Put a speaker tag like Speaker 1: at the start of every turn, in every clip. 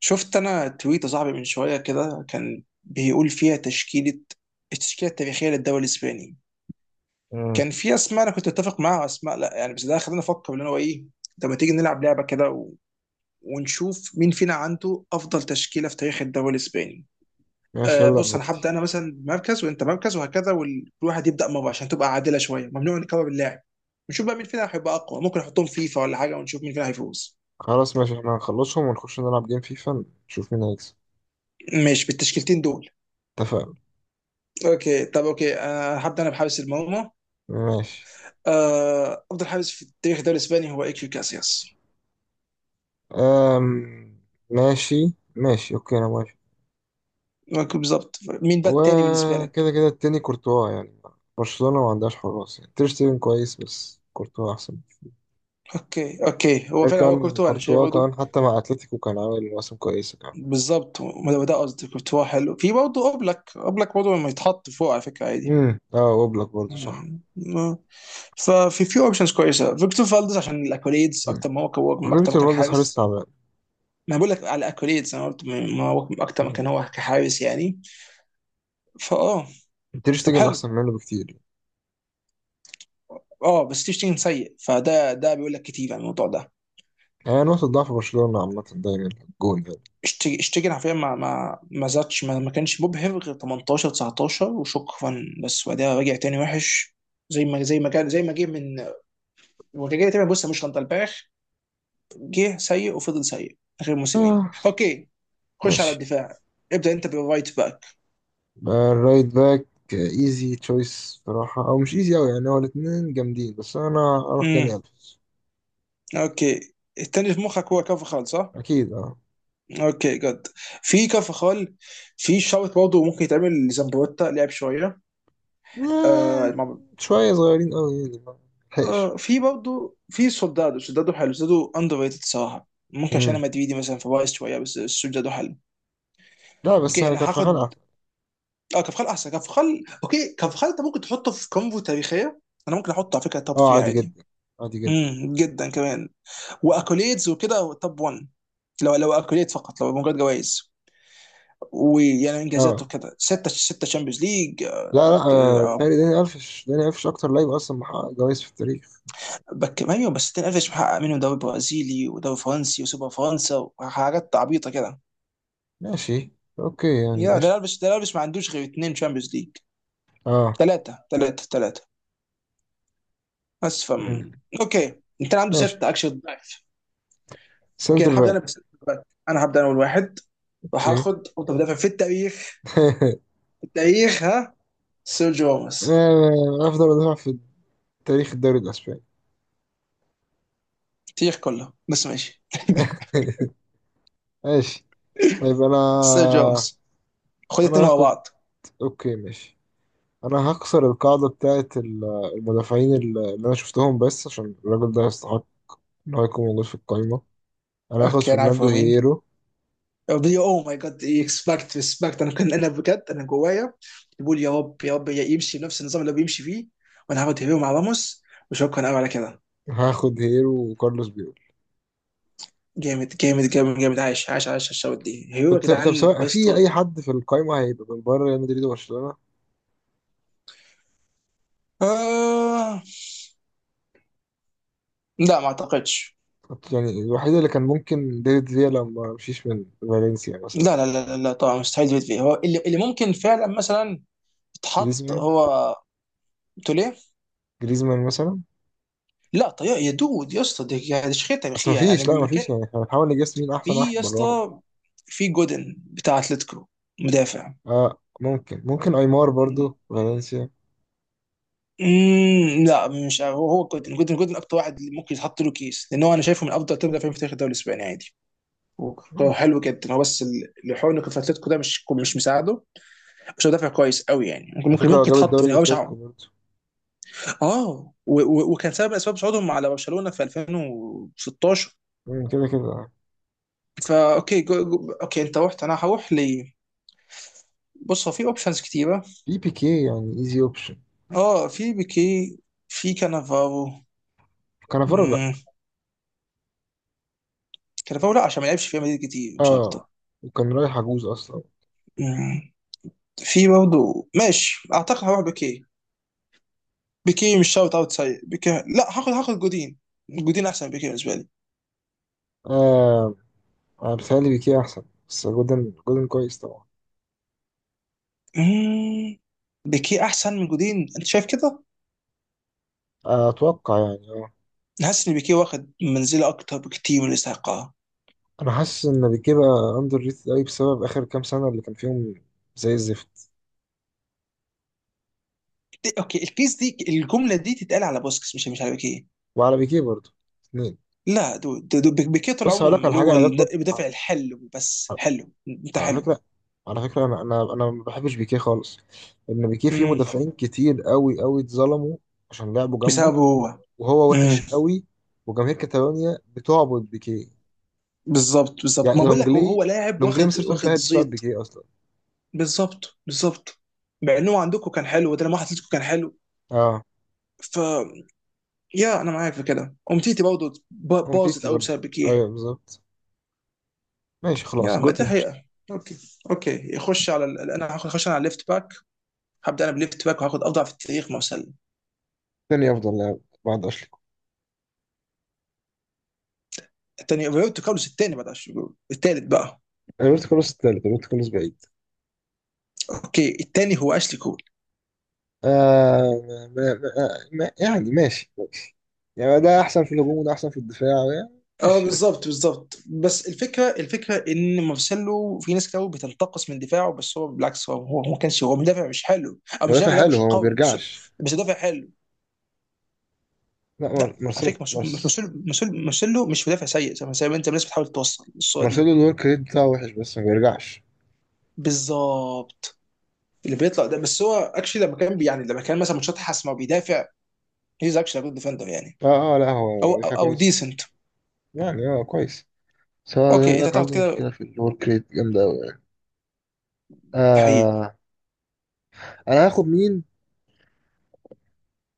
Speaker 1: شفت انا تويت يا صاحبي من شويه كده كان بيقول فيها التشكيله التاريخيه للدوري الاسباني.
Speaker 2: مم.
Speaker 1: كان في اسماء انا كنت متفق معاها واسماء لا، يعني بس ده خلاني افكر اللي هو ايه. طب ما تيجي نلعب لعبه كده ونشوف مين فينا عنده افضل تشكيله في تاريخ الدوري الاسباني.
Speaker 2: ماشي، يلا
Speaker 1: بص انا هبدا
Speaker 2: نودي.
Speaker 1: انا مثلا مركز وانت مركز وهكذا، وكل واحد يبدا مره عشان تبقى عادله شويه، ممنوع نكرر اللاعب. نشوف بقى مين فينا هيبقى اقوى، ممكن احطهم فيفا ولا حاجه ونشوف مين فينا هيفوز.
Speaker 2: خلاص ماشي، احنا هنخلصهم ونخش نلعب جيم فيفا نشوف مين هيكسب.
Speaker 1: ماشي بالتشكيلتين دول.
Speaker 2: اتفقنا.
Speaker 1: اوكي طب اوكي، هبدا انا بحارس المرمى.
Speaker 2: ماشي.
Speaker 1: آه، افضل حارس في تاريخ الدوري الاسباني هو ايكيو كاسياس.
Speaker 2: أم... ماشي ماشي، اوكي انا موافق.
Speaker 1: ممكن بالظبط مين بقى التاني بالنسبه لك؟
Speaker 2: وكده كده التاني كورتوا يعني. برشلونة ما عندهاش حراس، يعني تير شتيجن كويس بس كورتوا احسن.
Speaker 1: اوكي اوكي، هو
Speaker 2: غير
Speaker 1: فعلا هو
Speaker 2: كان
Speaker 1: كورتوا انا شايف
Speaker 2: كورتوا
Speaker 1: برضه.
Speaker 2: كمان حتى مع اتلتيكو كان عامل مواسم كويسة كمان.
Speaker 1: بالظبط ما ده قصدي، كورتوا حلو، في برضه اوبلاك، برضه لما يتحط فوق على فكره عادي.
Speaker 2: اه، اوبلاك برضه صح.
Speaker 1: م- ففي اوبشنز كويسه، فيكتور فالدز عشان الاكوليدز
Speaker 2: مم.
Speaker 1: اكتر ما هو اكتر ما
Speaker 2: وفيكتور
Speaker 1: كان
Speaker 2: فالديز حارس
Speaker 1: حارس.
Speaker 2: تعبان.
Speaker 1: ما بقول لك على الاكوليدز، انا قلت ما هو اكتر ما
Speaker 2: مم.
Speaker 1: كان هو كحارس يعني. فاه
Speaker 2: تير
Speaker 1: طب
Speaker 2: شتيجن
Speaker 1: حلو.
Speaker 2: احسن منه بكتير.
Speaker 1: اه بس تشتين سيء، فده ده بيقول لك كتير عن الموضوع ده.
Speaker 2: يعني هي نقطة ضعف برشلونة عامة دايما الجون.
Speaker 1: اشتيجن حرفيا ما زادش ما كانش مبهر غير 18 19 وشكرا، بس بعدها رجع تاني وحش زي ما كان، زي ما جه من، هو كان جاي تقريبا. بص مش غلطة الباخ، جه سيء وفضل سيء اخر موسمين.
Speaker 2: يعني
Speaker 1: اوكي، خش على
Speaker 2: ماشي.
Speaker 1: الدفاع. ابدا انت بالرايت باك.
Speaker 2: آه، الرايت باك. ايزي تشويس صراحة، او مش ايزي اوي يعني، هو الاتنين جامدين بس انا اروح
Speaker 1: امم
Speaker 2: داني الفيس.
Speaker 1: اوكي. التاني في مخك هو كارفخال صح؟
Speaker 2: اكيد اه.
Speaker 1: اوكي جد، في كارفخال، في شوط برضه ممكن يتعمل لزامبروتا لعب شويه.
Speaker 2: آه،
Speaker 1: آه.
Speaker 2: شوية صغيرين اوي يعني ما لحقش.
Speaker 1: آه في برضه في سولدادو، سولدادو حلو، سولدادو اندر ريتد الصراحه، ممكن عشان
Speaker 2: مم.
Speaker 1: انا مدريدي مثلا فبايظ شويه، بس سولدادو حلو.
Speaker 2: لا بس
Speaker 1: اوكي انا
Speaker 2: كارفاخال
Speaker 1: هاخد.
Speaker 2: احسن.
Speaker 1: اه كفخال احسن، كفخال اوكي. كفخال انت ممكن تحطه في كومبو تاريخيه، انا ممكن احطه على فكره توب
Speaker 2: اه
Speaker 1: 3
Speaker 2: عادي
Speaker 1: عادي.
Speaker 2: جدا، عادي جدا.
Speaker 1: جدا كمان. واكوليدز وكده توب 1، لو لو اكوليد فقط لو مجرد جوائز، ويعني انجازاته
Speaker 2: اه
Speaker 1: كده ستة ستة شامبيونز ليج.
Speaker 2: لا، آه، بيتهيألي داني الفيش اكتر لعيب اصلا محقق جوايز في التاريخ.
Speaker 1: بك ايوه، بس تنقفش محقق منهم دوري برازيلي ودوري فرنسي وسوبر فرنسا وحاجات عبيطه كده.
Speaker 2: ماشي. اوكي يعني
Speaker 1: يا ده
Speaker 2: قشطة.
Speaker 1: لابس، ده لابس ما عندوش غير اتنين شامبيونز ليج.
Speaker 2: اه.
Speaker 1: ثلاثة ثلاثة ثلاثة بس
Speaker 2: مم.
Speaker 1: اوكي، انت عندك
Speaker 2: ماشي.
Speaker 1: ستة اكشن ضعف. اوكي
Speaker 2: سنتر
Speaker 1: انا هبدأ
Speaker 2: باك.
Speaker 1: انا بس، انا هبدأ انا اول واحد،
Speaker 2: اوكي.
Speaker 1: وهاخد افضل مدافع في التاريخ. في التاريخ، ها، سيرجيو راموس.
Speaker 2: آه، افضل مدافع في تاريخ الدوري الاسباني.
Speaker 1: التاريخ كله بس ماشي.
Speaker 2: ماشي. طيب انا
Speaker 1: سيرجيو راموس، خد
Speaker 2: انا
Speaker 1: اتنين ورا
Speaker 2: هاخد.
Speaker 1: بعض.
Speaker 2: اوكي ماشي. انا هكسر القاعدة بتاعت المدافعين اللي انا شفتهم، بس عشان الراجل ده يستحق ان هو يكون موجود في القايمة. انا هاخد
Speaker 1: اوكي انا عارف
Speaker 2: فرناندو
Speaker 1: هو مين.
Speaker 2: هيرو.
Speaker 1: اوه ماي جاد، اكسبكت ريسبكت، انا كان انا بجد انا جوايا بقول يا رب يا رب يمشي بنفس النظام اللي هو بيمشي فيه، وانا هاخد هيرو مع راموس، وشكرا قوي على كده.
Speaker 2: هاخد هيرو وكارلوس بيول.
Speaker 1: جامد جامد جامد جامد، عايش عايش عايش الشوط دي، هيرو
Speaker 2: طب،
Speaker 1: يا
Speaker 2: طب
Speaker 1: جدعان
Speaker 2: سواء
Speaker 1: بس
Speaker 2: في
Speaker 1: طول.
Speaker 2: اي حد في القايمة هيبقى من بره ريال مدريد وبرشلونة.
Speaker 1: آه. لا ما اعتقدش.
Speaker 2: يعني الوحيد اللي كان ممكن ديفيد فيا لما مشيش من فالنسيا مثلا.
Speaker 1: لا طبعا، مستحيل ديفيد فيا هو اللي ممكن فعلا مثلا اتحط
Speaker 2: جريزمان،
Speaker 1: هو. توليه؟
Speaker 2: جريزمان مثلا.
Speaker 1: لا طيب يا دود يا اسطى، دي يعني دي شخيره
Speaker 2: بس
Speaker 1: تاريخيه يعني
Speaker 2: مفيش، لا
Speaker 1: ما كان.
Speaker 2: مفيش، يعني احنا بنحاول نجس مين احسن
Speaker 1: في
Speaker 2: واحد
Speaker 1: يا
Speaker 2: براهم.
Speaker 1: اسطى، في جودن بتاع اتلتيكو، مدافع.
Speaker 2: اه ممكن، ايمار برضو فالنسيا.
Speaker 1: مم، لا مش هو، هو جودن اكتر واحد ممكن يتحط له كيس، لان هو انا شايفه من افضل ثلاث مدافعين في تاريخ الدوري الاسباني عادي.
Speaker 2: مم.
Speaker 1: حلو جدا هو، بس الحوار انه كان في اتلتيكو ده مش مساعده، مش مدافع كويس قوي يعني، ممكن
Speaker 2: على
Speaker 1: ممكن
Speaker 2: فكرة هو
Speaker 1: ممكن
Speaker 2: جاب
Speaker 1: يتحط
Speaker 2: الدوري
Speaker 1: في، هو مش عارف.
Speaker 2: الأتليتيكو برضه.
Speaker 1: اه وكان سبب من اسباب صعودهم على برشلونه في 2016.
Speaker 2: مم، كده كده.
Speaker 1: فا اوكي، جو جو اوكي، انت رحت، انا هروح ل، بص هو في اوبشنز كتيره.
Speaker 2: في بيكي يعني، ايزي اوبشن.
Speaker 1: اه في بيكي، في كانافارو.
Speaker 2: كانافارو لأ.
Speaker 1: مم، كانافارو لا عشان ما لعبش في ريال مدريد كتير، مش
Speaker 2: اه،
Speaker 1: اكتر.
Speaker 2: وكان رايح عجوز أصلا.
Speaker 1: مم، في برضه ماشي، اعتقد هروح بيكي. بيكي مش شوت اوت سيء، بيكي لا، هاخد جودين. جودين احسن بكتير بالنسبه لي.
Speaker 2: آه، أنا بيتهيألي بيكي أحسن، بس جولدن، جولدن كويس طبعا.
Speaker 1: مم. بيكيه احسن من جودين انت شايف كده؟
Speaker 2: آه، أتوقع يعني اه.
Speaker 1: حاسس ان بيكيه واخد منزله اكتر بكتير من الاستحقاق.
Speaker 2: أنا حاسس إن بيكي بقى أندر ريتد أوي بسبب آخر كام سنة اللي كان فيهم زي الزفت.
Speaker 1: اوكي البيس، دي الجمله دي تتقال على بوسكس، مش على بيكيه.
Speaker 2: وعلى بيكي برضه، اتنين.
Speaker 1: لا دول دول بيكيه طول
Speaker 2: بص
Speaker 1: عمره
Speaker 2: هقولك على
Speaker 1: اللي
Speaker 2: حاجة،
Speaker 1: هو
Speaker 2: أنا جت فترة،
Speaker 1: المدافع الحلو، بس حلو انت
Speaker 2: على
Speaker 1: حلو.
Speaker 2: فكرة، على فكرة، أنا ما بحبش بيكيه خالص، لأن بيكيه فيه
Speaker 1: امم
Speaker 2: مدافعين كتير قوي اتظلموا عشان لعبوا جنبه،
Speaker 1: بسببه هو.
Speaker 2: وهو
Speaker 1: امم
Speaker 2: وحش قوي، وجماهير كاتالونيا بتعبد بيكيه.
Speaker 1: بالظبط بالظبط،
Speaker 2: يعني
Speaker 1: ما بقول لك، هو
Speaker 2: لونجلي،
Speaker 1: هو لاعب
Speaker 2: لونجلي
Speaker 1: واخد
Speaker 2: مسيرته
Speaker 1: واخد
Speaker 2: انتهت بسبب
Speaker 1: زيط.
Speaker 2: بيكيه أصلا.
Speaker 1: بالظبط بالظبط، مع انه عندكم كان حلو، وده لما حطيتكم كان حلو.
Speaker 2: أه،
Speaker 1: ف يا انا معاك في كده، امتيتي برضه باظت
Speaker 2: أمتيتي
Speaker 1: قوي
Speaker 2: برضه،
Speaker 1: بسبب بيكيه.
Speaker 2: أيوه بالظبط. ماشي خلاص
Speaker 1: يا ما
Speaker 2: جوتن
Speaker 1: دي
Speaker 2: مشت.
Speaker 1: حقيقة. اوكي. اوكي يخش على انا هاخد، هخش انا على الليفت باك. هبدا انا بليفت باك، وهاخد اضعف التاريخ ما وصل.
Speaker 2: تاني أفضل لاعب بعد أشلي كول.
Speaker 1: الثاني روبرتو كارلوس، الثاني بعد 10 شهور الثالث بقى.
Speaker 2: روبرت كارلوس التالت، روبرت كارلوس بعيد.
Speaker 1: اوكي الثاني هو اشلي كول.
Speaker 2: آه. ما يعني ماشي ماشي، يعني ده أحسن في الهجوم وده أحسن في الدفاع، يعني
Speaker 1: اه
Speaker 2: ماشي.
Speaker 1: بالظبط بالظبط، بس الفكره الفكره ان مارسيلو في ناس كتير بتنتقص من دفاعه، بس هو بالعكس، هو هو هو ما كانش هو مدافع مش حلو او مش مدافع
Speaker 2: مدافع
Speaker 1: اللي هو
Speaker 2: حلو
Speaker 1: مش
Speaker 2: هو، ما
Speaker 1: قوي، بس
Speaker 2: بيرجعش.
Speaker 1: بس مدافع حلو.
Speaker 2: لا
Speaker 1: لا على فكره مارسيلو،
Speaker 2: مارس.
Speaker 1: مارسيلو مش مدافع سيء زي ما زي ما انت، الناس بتحاول توصل الصوره دي.
Speaker 2: مارسيلو الورك ريت بتاعه وحش بس ما بيرجعش.
Speaker 1: بالظبط، اللي بيطلع ده بس هو اكشلي، لما كان يعني لما كان مثلا ماتشات حاسمه وبيدافع، هيز اكشلي جود ديفندر يعني.
Speaker 2: اه اه، لا هو
Speaker 1: او او,
Speaker 2: مدافع
Speaker 1: أو
Speaker 2: كويس،
Speaker 1: ديسنت.
Speaker 2: يعني هو كويس، بس هو زي ما
Speaker 1: اوكي انت
Speaker 2: بقولك
Speaker 1: تاخد
Speaker 2: عنده مشكلة
Speaker 1: كده،
Speaker 2: في الورك ريت جامدة أوي يعني.
Speaker 1: حقيقي.
Speaker 2: آه. أنا هاخد مين؟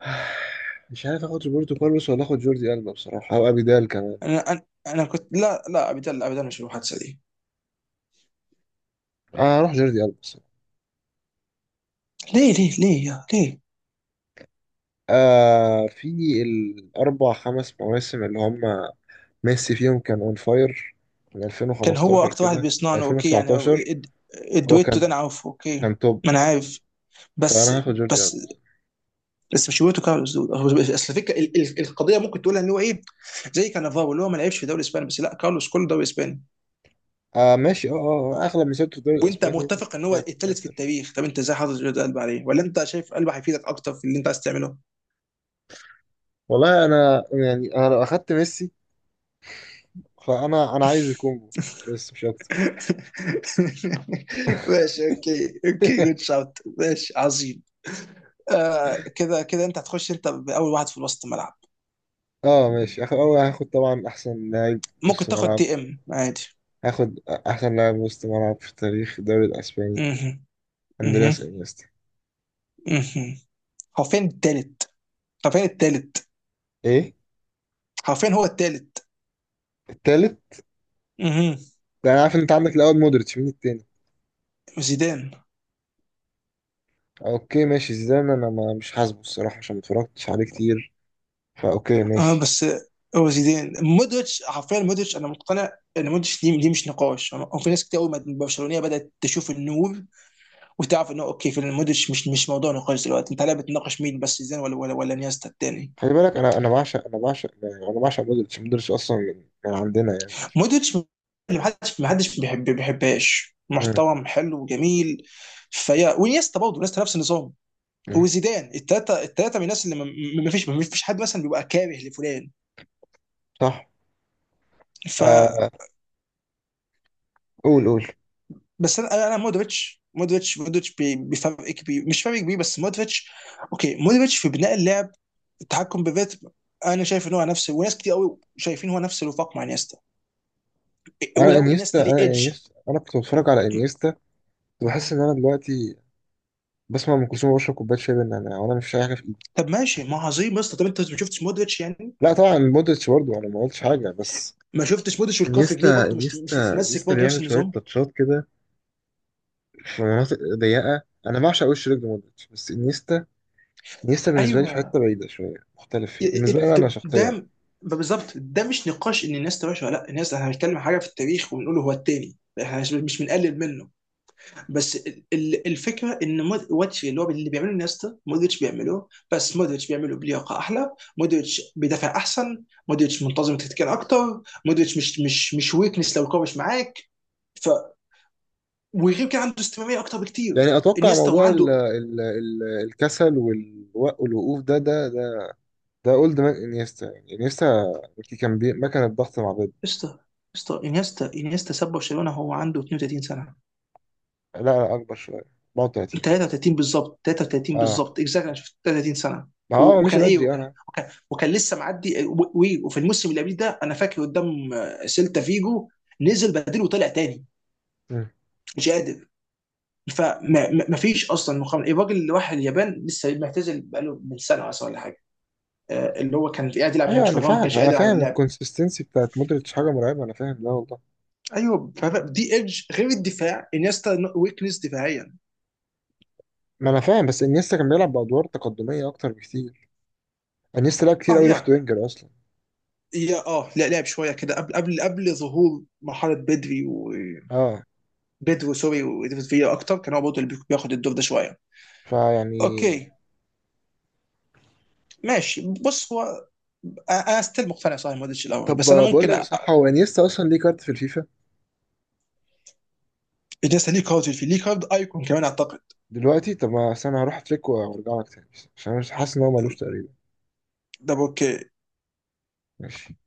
Speaker 2: مش عارف آخد روبرتو كارلوس ولا آخد جوردي ألبا بصراحة، أو أبيدال كمان.
Speaker 1: انا انا انا كنت لا لا، ابدا ابدا، مش المحادثه دي.
Speaker 2: آه، هروح جوردي ألبا بصراحة.
Speaker 1: ليه ليه ليه يا ليه؟
Speaker 2: آه، في الأربع خمس مواسم اللي هم ميسي فيهم كان أون فاير، من
Speaker 1: كان هو
Speaker 2: 2015
Speaker 1: اكتر واحد
Speaker 2: كده
Speaker 1: بيصنعنا اوكي يعني.
Speaker 2: 2019.
Speaker 1: الد-
Speaker 2: هو
Speaker 1: الدويتو ده انا عارفه اوكي،
Speaker 2: كان توب.
Speaker 1: ما انا عارف. بس
Speaker 2: فانا هاخد جوردي
Speaker 1: بس
Speaker 2: ألبا.
Speaker 1: بس مش هويتو كارلوس دول. اصل الفكره القضيه ممكن تقولها ان هو ايه، زي كانافارو اللي هو ما لعبش في الدوري الاسباني، بس لا كارلوس كله دوري اسباني،
Speaker 2: آه ماشي، اه اه، آه، اغلب مسيرته في الدوري
Speaker 1: وانت
Speaker 2: الاسباني،
Speaker 1: متفق ان هو
Speaker 2: لعب في
Speaker 1: الثالث في
Speaker 2: الانتر.
Speaker 1: التاريخ. طب انت ازاي حاطط جرد قلب عليه ولا انت شايف قلب هيفيدك اكتر في اللي انت عايز تعمله؟
Speaker 2: والله انا يعني، انا لو اخدت ميسي فانا، عايز الكونجو بس مش اكتر.
Speaker 1: ماشي اوكي اوكي، جود شوت ماشي عظيم. آه كده كده انت هتخش انت باول واحد في وسط الملعب.
Speaker 2: اه ماشي، هاخد اول، هاخد طبعا احسن لاعب
Speaker 1: ممكن
Speaker 2: نص
Speaker 1: تاخد
Speaker 2: ملعب.
Speaker 1: دي ام عادي.
Speaker 2: هاخد احسن لاعب وسط ملعب في تاريخ الدوري الاسباني،
Speaker 1: اها. اها
Speaker 2: اندرياس انيستا.
Speaker 1: اها، حرفيا التالت، حرفيا التالت،
Speaker 2: ايه
Speaker 1: حرفيا هو التالت.
Speaker 2: التالت؟
Speaker 1: اها.
Speaker 2: ده انا عارف ان انت عندك الاول مودريتش، مين التاني؟
Speaker 1: زيدان.
Speaker 2: اوكي ماشي زيدان، انا ما مش حاسبه الصراحه عشان ما اتفرجتش عليه كتير، فاوكي
Speaker 1: اه
Speaker 2: ماشي.
Speaker 1: بس هو زيدان، مودريتش حرفيا. مودريتش انا مقتنع ان مودريتش دي مش نقاش. وفي ناس كتير قوي من برشلونيه بدات تشوف النور وتعرف انه اوكي في مودريتش، مش موضوع نقاش دلوقتي. انت لا بتناقش مين بس زيدان ولا نيستا التاني.
Speaker 2: خلي بالك، انا بعشق، انا بعشق يعني، انا بعشق مودريتش، مودريتش اصلا من عندنا يعني.
Speaker 1: مودريتش اللي محدش بيحب بيحبهاش،
Speaker 2: مم.
Speaker 1: محترم حلو وجميل فيا، ونيستا برضه نيستا نفس النظام،
Speaker 2: مم.
Speaker 1: وزيدان. التلاته التلاته من الناس اللي ما فيش ما فيش حد مثلا بيبقى كاره لفلان.
Speaker 2: صح.
Speaker 1: ف
Speaker 2: آه قول قول.
Speaker 1: بس انا مودريتش مودريتش بفرق كبير، مش فرق كبير بس مودريتش. اوكي مودريتش في بناء اللعب، التحكم بالريتم. انا شايف ان هو نفس، وناس كتير قوي شايفين هو نفس الوفاق مع انيستا،
Speaker 2: انا
Speaker 1: ولو
Speaker 2: انيستا،
Speaker 1: انيستا ليه
Speaker 2: انا
Speaker 1: ايدج.
Speaker 2: انيستا، انا كنت بتفرج على انيستا كنت بحس ان انا دلوقتي بسمع ام كلثوم وبشرب كوبايه شاي بالنعناع وانا مش شايل حاجه في ايدي.
Speaker 1: طب ماشي ما عظيم، بس طب انت ما شفتش مودريتش يعني؟
Speaker 2: لا طبعا مودريتش برضه، انا ما قلتش حاجه، بس
Speaker 1: ما شفتش مودريتش والكوفيج ليه
Speaker 2: انيستا
Speaker 1: برضه مش
Speaker 2: انيستا
Speaker 1: بتتمسك
Speaker 2: انيستا
Speaker 1: برضه نفس
Speaker 2: بيعمل شويه
Speaker 1: النظام.
Speaker 2: تاتشات كده في مناطق ضيقه، انا بعشق وش رجل مودريتش بس انيستا، انيستا بالنسبه لي في
Speaker 1: ايوه.
Speaker 2: حته بعيده شويه، مختلف فيه
Speaker 1: ي- ي-
Speaker 2: بالنسبه لي انا
Speaker 1: ده
Speaker 2: شخصيا.
Speaker 1: ده- بالظبط، ده مش نقاش ان انيستا وحش ولا لا، انيستا احنا هنتكلم عن حاجه في التاريخ وبنقول هو التاني. احنا مش بنقلل منه، بس الفكره ان واتش اللي هو اللي بيعمله نيستا مودريتش بيعمله، بس مودريتش بيعمله بلياقه احلى. مودريتش بيدافع احسن، مودريتش منتظم تكتيكيا اكتر، مودريتش مش ويكنس لو الكوره مش معاك. ف وغير كده عنده استمراريه اكتر بكتير.
Speaker 2: يعني اتوقع
Speaker 1: انيستا
Speaker 2: موضوع ال
Speaker 1: وعنده.
Speaker 2: ال ال الكسل والوقوف ده، ده ده اولد مان انيستا، يعني انيستا كان مكنه ضغط مع بيب.
Speaker 1: استا استا انيستا، ساب برشلونه هو عنده 32 سنه،
Speaker 2: لا لا اكبر شويه، 34 يعني.
Speaker 1: 33 بالظبط، 33
Speaker 2: اه
Speaker 1: بالظبط اكزاكتلي، انا شفت 33 سنه.
Speaker 2: ما هو مشي
Speaker 1: وكان ايه،
Speaker 2: بدري، آه،
Speaker 1: وكان
Speaker 2: انا.
Speaker 1: وكان, وكان لسه معدي، وفي الموسم اللي قبليه ده انا فاكر قدام، آه، سيلتا فيجو نزل بديل وطلع تاني،
Speaker 2: مم.
Speaker 1: مش قادر. فما فيش اصلا مقابله، الراجل اللي راح اليابان لسه معتزل بقاله من سنه مثلا ولا حاجه، آه، اللي هو كان قاعد يلعب هناك
Speaker 2: ايوه انا
Speaker 1: شويه، هو ما
Speaker 2: فاهم،
Speaker 1: كانش
Speaker 2: انا
Speaker 1: قادر على
Speaker 2: فاهم
Speaker 1: اللعب.
Speaker 2: الكونسستنسي بتاعت مودريتش حاجه مرعبه، انا فاهم ده والله.
Speaker 1: ايوه دي ايدج غير الدفاع، انيستا ويكنس دفاعيا.
Speaker 2: ما انا فاهم، بس انيستا كان بيلعب بادوار تقدميه اكتر بكتير، انيستا لعب كتير
Speaker 1: اه
Speaker 2: قوي ليفت
Speaker 1: يا
Speaker 2: وينجر اصلا.
Speaker 1: يا اه لا لعب شويه كده قبل قبل قبل ظهور مرحله بدري، و
Speaker 2: اه
Speaker 1: بيدرو سوري وديفيد فيا اكتر كان هو برضه اللي بياخد الدور ده شويه.
Speaker 2: فيعني.
Speaker 1: اوكي ماشي بص هو، انا ستيل مقتنع صحيح مودريتش الاول،
Speaker 2: طب
Speaker 1: بس انا
Speaker 2: بقول
Speaker 1: ممكن
Speaker 2: لك صح، هو انيستا اصلا ليه كارت في الفيفا
Speaker 1: بالنسبه لي كارد في ليه كارد ايكون كمان اعتقد،
Speaker 2: دلوقتي؟ طب ما أصل انا هروح اترك وارجع لك تاني، عشان انا مش حاسس ان هو ملوش تقريبا.
Speaker 1: ده اوكي.
Speaker 2: ماشي.